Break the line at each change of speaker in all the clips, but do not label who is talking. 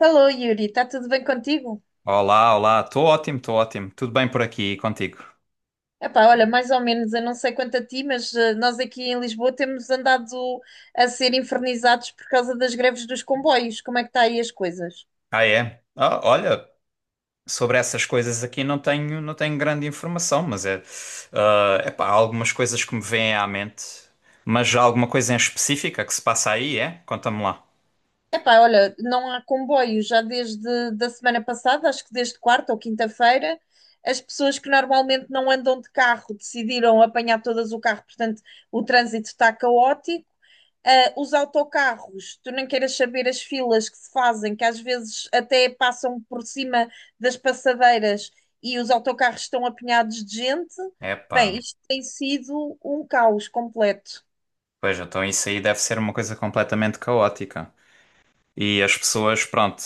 Alô, Yuri, está tudo bem contigo?
Olá, olá, estou ótimo, estou ótimo. Tudo bem por aqui e contigo?
Epá, olha, mais ou menos, eu não sei quanto a ti, mas nós aqui em Lisboa temos andado a ser infernizados por causa das greves dos comboios. Como é que está aí as coisas?
Ah, é? Ah, olha, sobre essas coisas aqui não tenho grande informação, mas é, há algumas coisas que me vêm à mente. Mas há alguma coisa em específica que se passa aí, é? Conta-me lá.
Epá, olha, não há comboio já desde da semana passada, acho que desde quarta ou quinta-feira. As pessoas que normalmente não andam de carro decidiram apanhar todas o carro, portanto, o trânsito está caótico. Ah, os autocarros, tu nem queiras saber as filas que se fazem, que às vezes até passam por cima das passadeiras e os autocarros estão apinhados de gente.
Epá,
Bem, isto tem sido um caos completo.
pois então isso aí deve ser uma coisa completamente caótica. E as pessoas, pronto,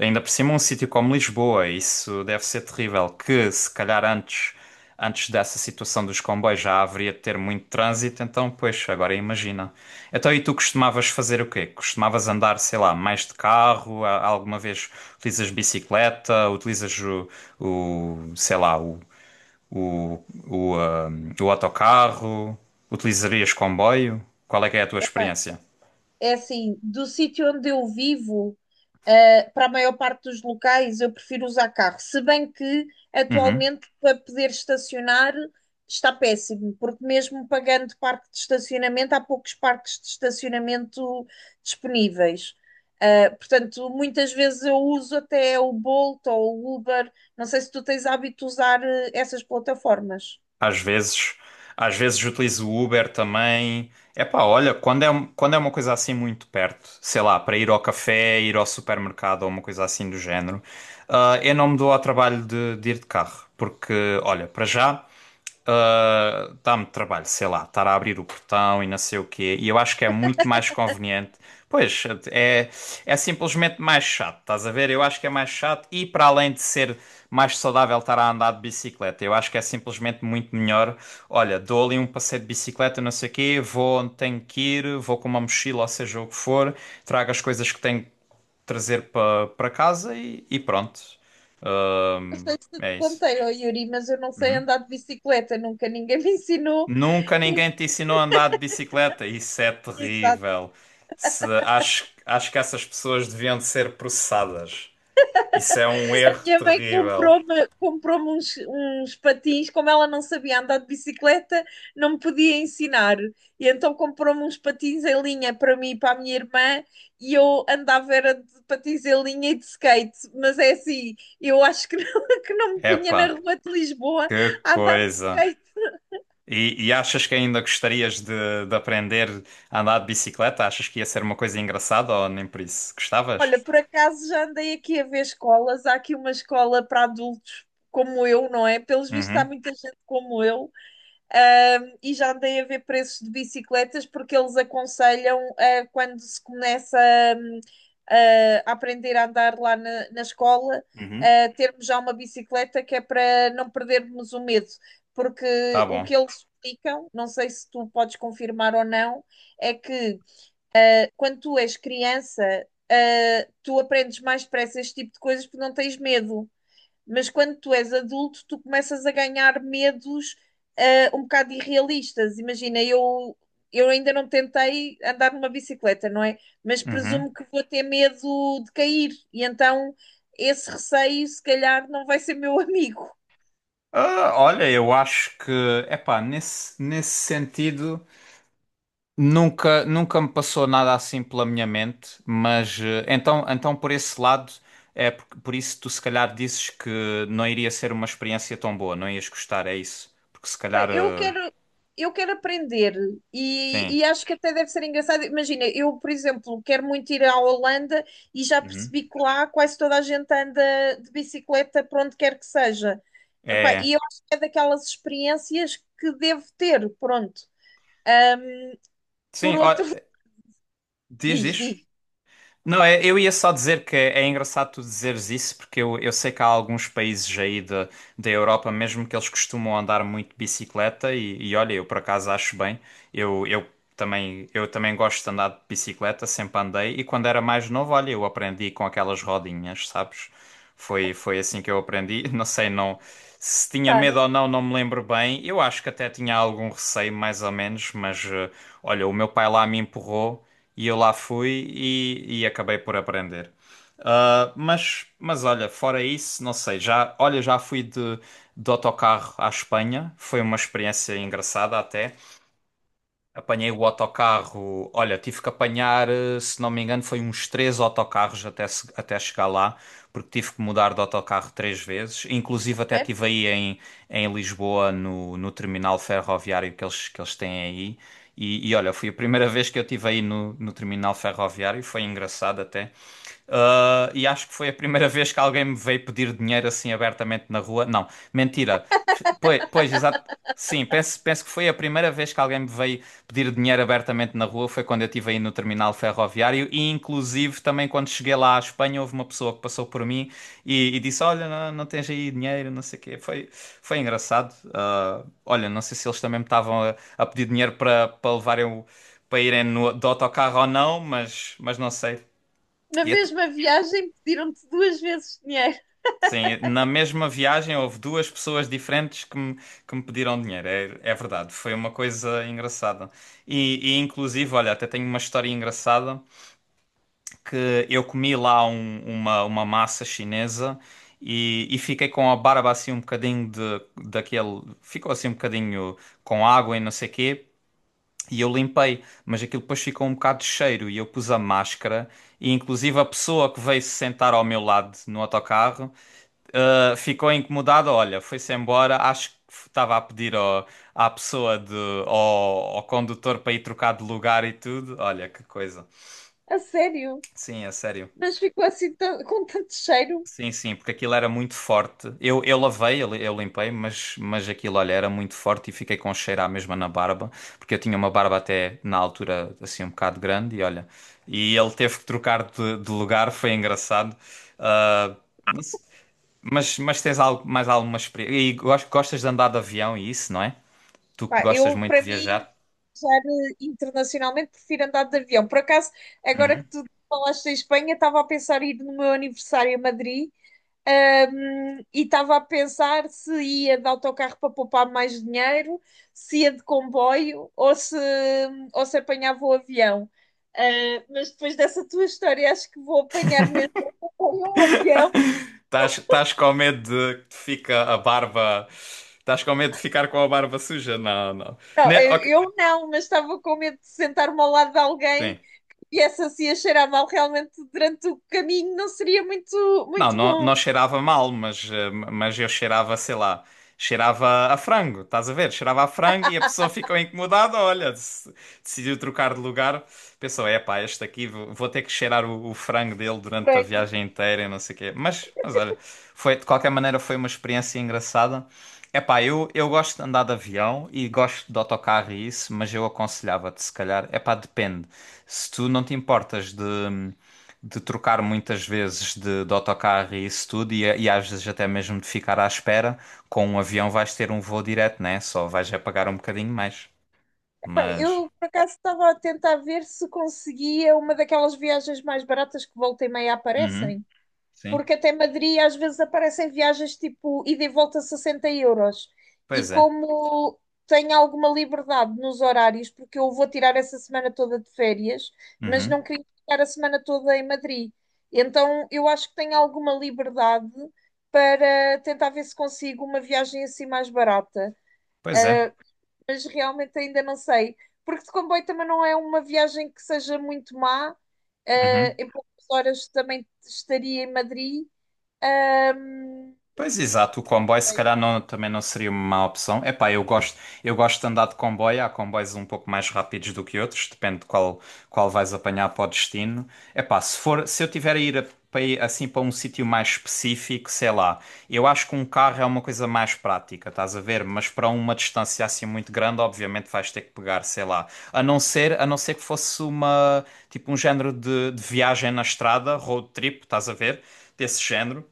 ainda por cima um sítio como Lisboa, isso deve ser terrível, que se calhar antes dessa situação dos comboios já haveria de ter muito trânsito, então, pois, agora imagina. Então, e tu costumavas fazer o quê? Costumavas andar, sei lá, mais de carro? Alguma vez utilizas bicicleta? Utilizas o sei lá, o, ah, o autocarro? Utilizarias comboio? Qual é que é a tua experiência?
É assim, do sítio onde eu vivo, para a maior parte dos locais, eu prefiro usar carro. Se bem que
Uhum.
atualmente para poder estacionar está péssimo, porque mesmo pagando parque de estacionamento, há poucos parques de estacionamento disponíveis. Portanto, muitas vezes eu uso até o Bolt ou o Uber. Não sei se tu tens hábito de usar essas plataformas.
Às vezes, às vezes utilizo o Uber também. Epá, olha, quando é uma coisa assim muito perto, sei lá, para ir ao café, ir ao supermercado ou uma coisa assim do género, eu não me dou ao trabalho de ir de carro, porque, olha, para já, dá-me trabalho, sei lá, estar a abrir o portão e não sei o quê, e eu acho que é muito mais conveniente. Pois, é, é simplesmente mais chato, estás a ver? Eu acho que é mais chato e, para além de ser mais saudável estar a andar de bicicleta, eu acho que é simplesmente muito melhor. Olha, dou ali um passeio de bicicleta, não sei o quê, vou onde tenho que ir, vou com uma mochila, ou seja o que for, trago as coisas que tenho que trazer para casa e pronto. É isso.
Contei ao Yuri, mas eu não sei andar de bicicleta, nunca ninguém me ensinou.
Nunca ninguém te ensinou a andar de bicicleta. Isso é terrível. Acho que essas pessoas deviam de ser processadas. Isso é um erro
Minha mãe
terrível.
comprou uns patins, como ela não sabia andar de bicicleta, não me podia ensinar. E então comprou-me uns patins em linha para mim e para a minha irmã, e eu andava era de patins em linha e de skate. Mas é assim, eu acho que não, que não me punha na
Epá,
rua de Lisboa
que
a andar de
coisa.
skate.
E achas que ainda gostarias de aprender a andar de bicicleta? Achas que ia ser uma coisa engraçada ou nem por isso? Gostavas?
Olha, por acaso já andei aqui a ver escolas. Há aqui uma escola para adultos como eu, não é? Pelos vistos, há
Uhum,
muita gente como eu. E já andei a ver preços de bicicletas porque eles aconselham, quando se começa um, uh, a aprender a andar lá na escola,
uhum,
termos já uma bicicleta que é para não perdermos o medo,
tá
porque o
bom.
que eles explicam, não sei se tu podes confirmar ou não, é que quando tu és criança, tu aprendes mais depressa este tipo de coisas porque não tens medo. Mas quando tu és adulto, tu começas a ganhar medos um bocado irrealistas. Imagina, eu ainda não tentei andar numa bicicleta, não é? Mas
Uhum.
presumo que vou ter medo de cair. E então esse receio, se calhar, não vai ser meu amigo.
Ah, olha, eu acho que, epá, nesse sentido, nunca me passou nada assim pela minha mente, mas então, então por esse lado, é por isso tu se calhar dizes que não iria ser uma experiência tão boa, não ias gostar, é isso? Porque se
Bem,
calhar,
eu quero, eu quero aprender e,
sim.
e acho que até deve ser engraçado. Imagina, eu, por exemplo, quero muito ir à Holanda e já
Uhum.
percebi que lá quase toda a gente anda de bicicleta para onde quer que seja. Epá, e
É,
eu acho que é daquelas experiências que devo ter, pronto. Por
sim, ó,
outro,
diz,
diz,
diz.
diz,
Não, é- eu ia só dizer que é engraçado tu dizeres isso, porque eu sei que há alguns países aí da da Europa mesmo que eles costumam andar muito de bicicleta e olha, eu por acaso acho bem. Eu, eu eu também gosto de andar de bicicleta, sempre andei, e quando era mais novo, olha, eu aprendi com aquelas rodinhas, sabes? Foi assim que eu aprendi. Não sei, não, se tinha medo
claro,
ou não, não me lembro bem. Eu acho que até tinha algum receio, mais ou menos, mas olha, o meu pai lá me empurrou e eu lá fui e acabei por aprender. Ah, mas olha, fora isso, não sei, já, olha, já fui de autocarro à Espanha, foi uma experiência engraçada até. Apanhei o autocarro. Olha, tive que apanhar, se não me engano, foi uns três autocarros até, até chegar lá, porque tive que mudar de autocarro três vezes. Inclusive, até
sério.
estive em Lisboa, no terminal ferroviário que que eles têm aí. E olha, foi a primeira vez que eu estive aí no terminal ferroviário, foi engraçado até. E acho que foi a primeira vez que alguém me veio pedir dinheiro assim abertamente na rua. Não, mentira. Pois, pois exato. Sim, penso, penso que foi a primeira vez que alguém me veio pedir dinheiro abertamente na rua. Foi quando eu estive aí no terminal ferroviário. E inclusive também quando cheguei lá à Espanha, houve uma pessoa que passou por mim e disse: Olha, não tens aí dinheiro, não sei o quê. Foi, foi engraçado. Olha, não sei se eles também me estavam a pedir dinheiro para levarem para irem no, do autocarro ou não, mas não sei.
Na
E at-
mesma viagem pediram-te duas vezes dinheiro,
Sim, na mesma viagem houve duas pessoas diferentes que me pediram dinheiro, é, é verdade, foi uma coisa engraçada. E, inclusive, olha, até tenho uma história engraçada que eu comi lá uma massa chinesa e fiquei com a barba assim um bocadinho de, daquele, ficou assim um bocadinho com água e não sei quê. E eu limpei, mas aquilo depois ficou um bocado de cheiro e eu pus a máscara e inclusive a pessoa que veio se sentar ao meu lado no autocarro uh, ficou incomodado, olha, foi-se embora, acho que estava a pedir à pessoa de, ao condutor para ir trocar de lugar e tudo. Olha, que coisa.
a sério.
Sim, é sério.
Mas ficou assim tão- com tanto cheiro.
Sim, sim, porque aquilo era muito forte. Eu lavei, eu, li- eu limpei, mas aquilo, olha, era muito forte e fiquei com um cheiro à mesma na barba, porque eu tinha uma barba até na altura assim um bocado grande e olha, e ele teve que trocar de lugar, foi engraçado. Ah, não se- mas tens algo, mais alguma experiência? E gostas de andar de avião e isso, não é? Tu que
Pá,
gostas
eu,
muito
para
de
mim,
viajar?
viajar internacionalmente, prefiro andar de avião. Por acaso, agora que
Uhum.
tu falaste em Espanha, estava a pensar em ir no meu aniversário a Madrid. E estava a pensar se ia de autocarro para poupar mais dinheiro, se ia de comboio ou se apanhava o avião. Ah, mas depois dessa tua história, acho que vou apanhar mesmo o avião.
Estás com medo de que te fica a barba. Estás com medo de ficar com a barba suja? Não, não.
Não, eu,
Ok,
eu não, mas estava com medo de sentar-me ao lado de
sim.
alguém e essa assim a cheirar mal realmente durante o caminho não seria
Não,
muito
não,
bom.
não cheirava mal, mas, mas eu cheirava, sei lá. Cheirava a frango, estás a ver? Cheirava a frango e a pessoa ficou incomodada, olha, decidiu trocar de lugar, pensou, é pá, este aqui vou ter que cheirar o frango dele durante a
Frango.
viagem inteira e não sei o quê. Mas olha, foi, de qualquer maneira foi uma experiência engraçada. É pá, eu gosto de andar de avião e gosto de autocarro e isso, mas eu aconselhava-te, se calhar, é pá, depende. Se tu não te importas de trocar muitas vezes de autocarro e isso tudo, e às vezes até mesmo de ficar à espera, com um avião vais ter um voo direto, né? Só vais a pagar um bocadinho mais.
Epá,
Mas.
eu, por acaso, estava a tentar ver se conseguia uma daquelas viagens mais baratas que volta e meia
Uhum,
aparecem,
sim.
porque até Madrid às vezes aparecem viagens tipo ida e volta 60 euros. E
Pois é.
como tenho alguma liberdade nos horários, porque eu vou tirar essa semana toda de férias, mas
Uhum,
não queria ficar a semana toda em Madrid. Então eu acho que tenho alguma liberdade para tentar ver se consigo uma viagem assim mais barata.
pois é.
Ah, mas realmente ainda não sei. Porque de comboio também não é uma viagem que seja muito má.
Uhum.
Em poucas horas também estaria em Madrid. Ahm,
Pois exato, o comboio se
sei.
calhar também não seria uma má opção. Epá, eu gosto de andar de comboio, há comboios um pouco mais rápidos do que outros, depende qual vais apanhar para o destino. Epá, se for, se eu tiver a ir, a- para ir, assim para um sítio mais específico, sei lá, eu acho que um carro é uma coisa mais prática, estás a ver? Mas para uma distância assim muito grande, obviamente vais ter que pegar, sei lá, a não ser que fosse uma, tipo um género de viagem na estrada, road trip, estás a ver? Desse género.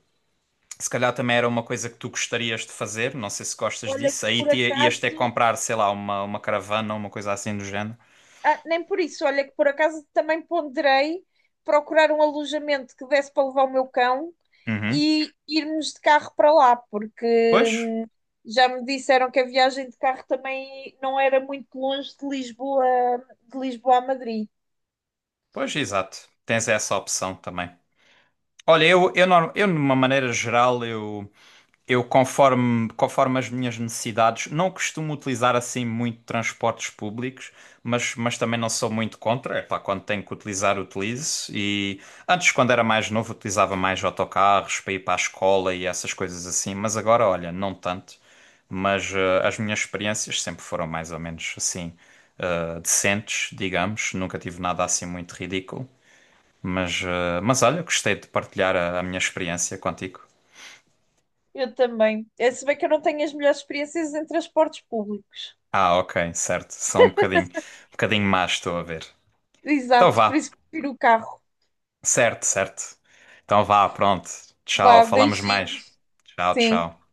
Se calhar também era uma coisa que tu gostarias de fazer, não sei se gostas
Olha que
disso. Aí
por
te, ias ter que
acaso,
comprar, sei lá, uma caravana ou uma coisa assim do género.
ah, nem por isso, olha que por acaso também ponderei procurar um alojamento que desse para levar o meu cão
Uhum.
e irmos de carro para lá, porque
Pois,
já me disseram que a viagem de carro também não era muito longe de Lisboa a Madrid.
pois, exato. Tens essa opção também. Olha, de uma maneira geral, conforme as minhas necessidades, não costumo utilizar assim muito transportes públicos, mas também não sou muito contra. Epá, quando tenho que utilizar, utilizo. E antes, quando era mais novo, utilizava mais autocarros para ir para a escola e essas coisas assim, mas agora, olha, não tanto. Mas as minhas experiências sempre foram mais ou menos assim, decentes, digamos. Nunca tive nada assim muito ridículo. Mas, mas olha, gostei de partilhar a minha experiência contigo.
Eu também. É, se bem que eu não tenho as melhores experiências em transportes públicos.
Ah, ok, certo. São um bocadinho más, estou a ver. Então
Exato, por
vá.
isso que prefiro o carro.
Certo, certo. Então vá, pronto. Tchau,
Vá,
falamos mais.
beijinhos.
Tchau,
Sim.
tchau.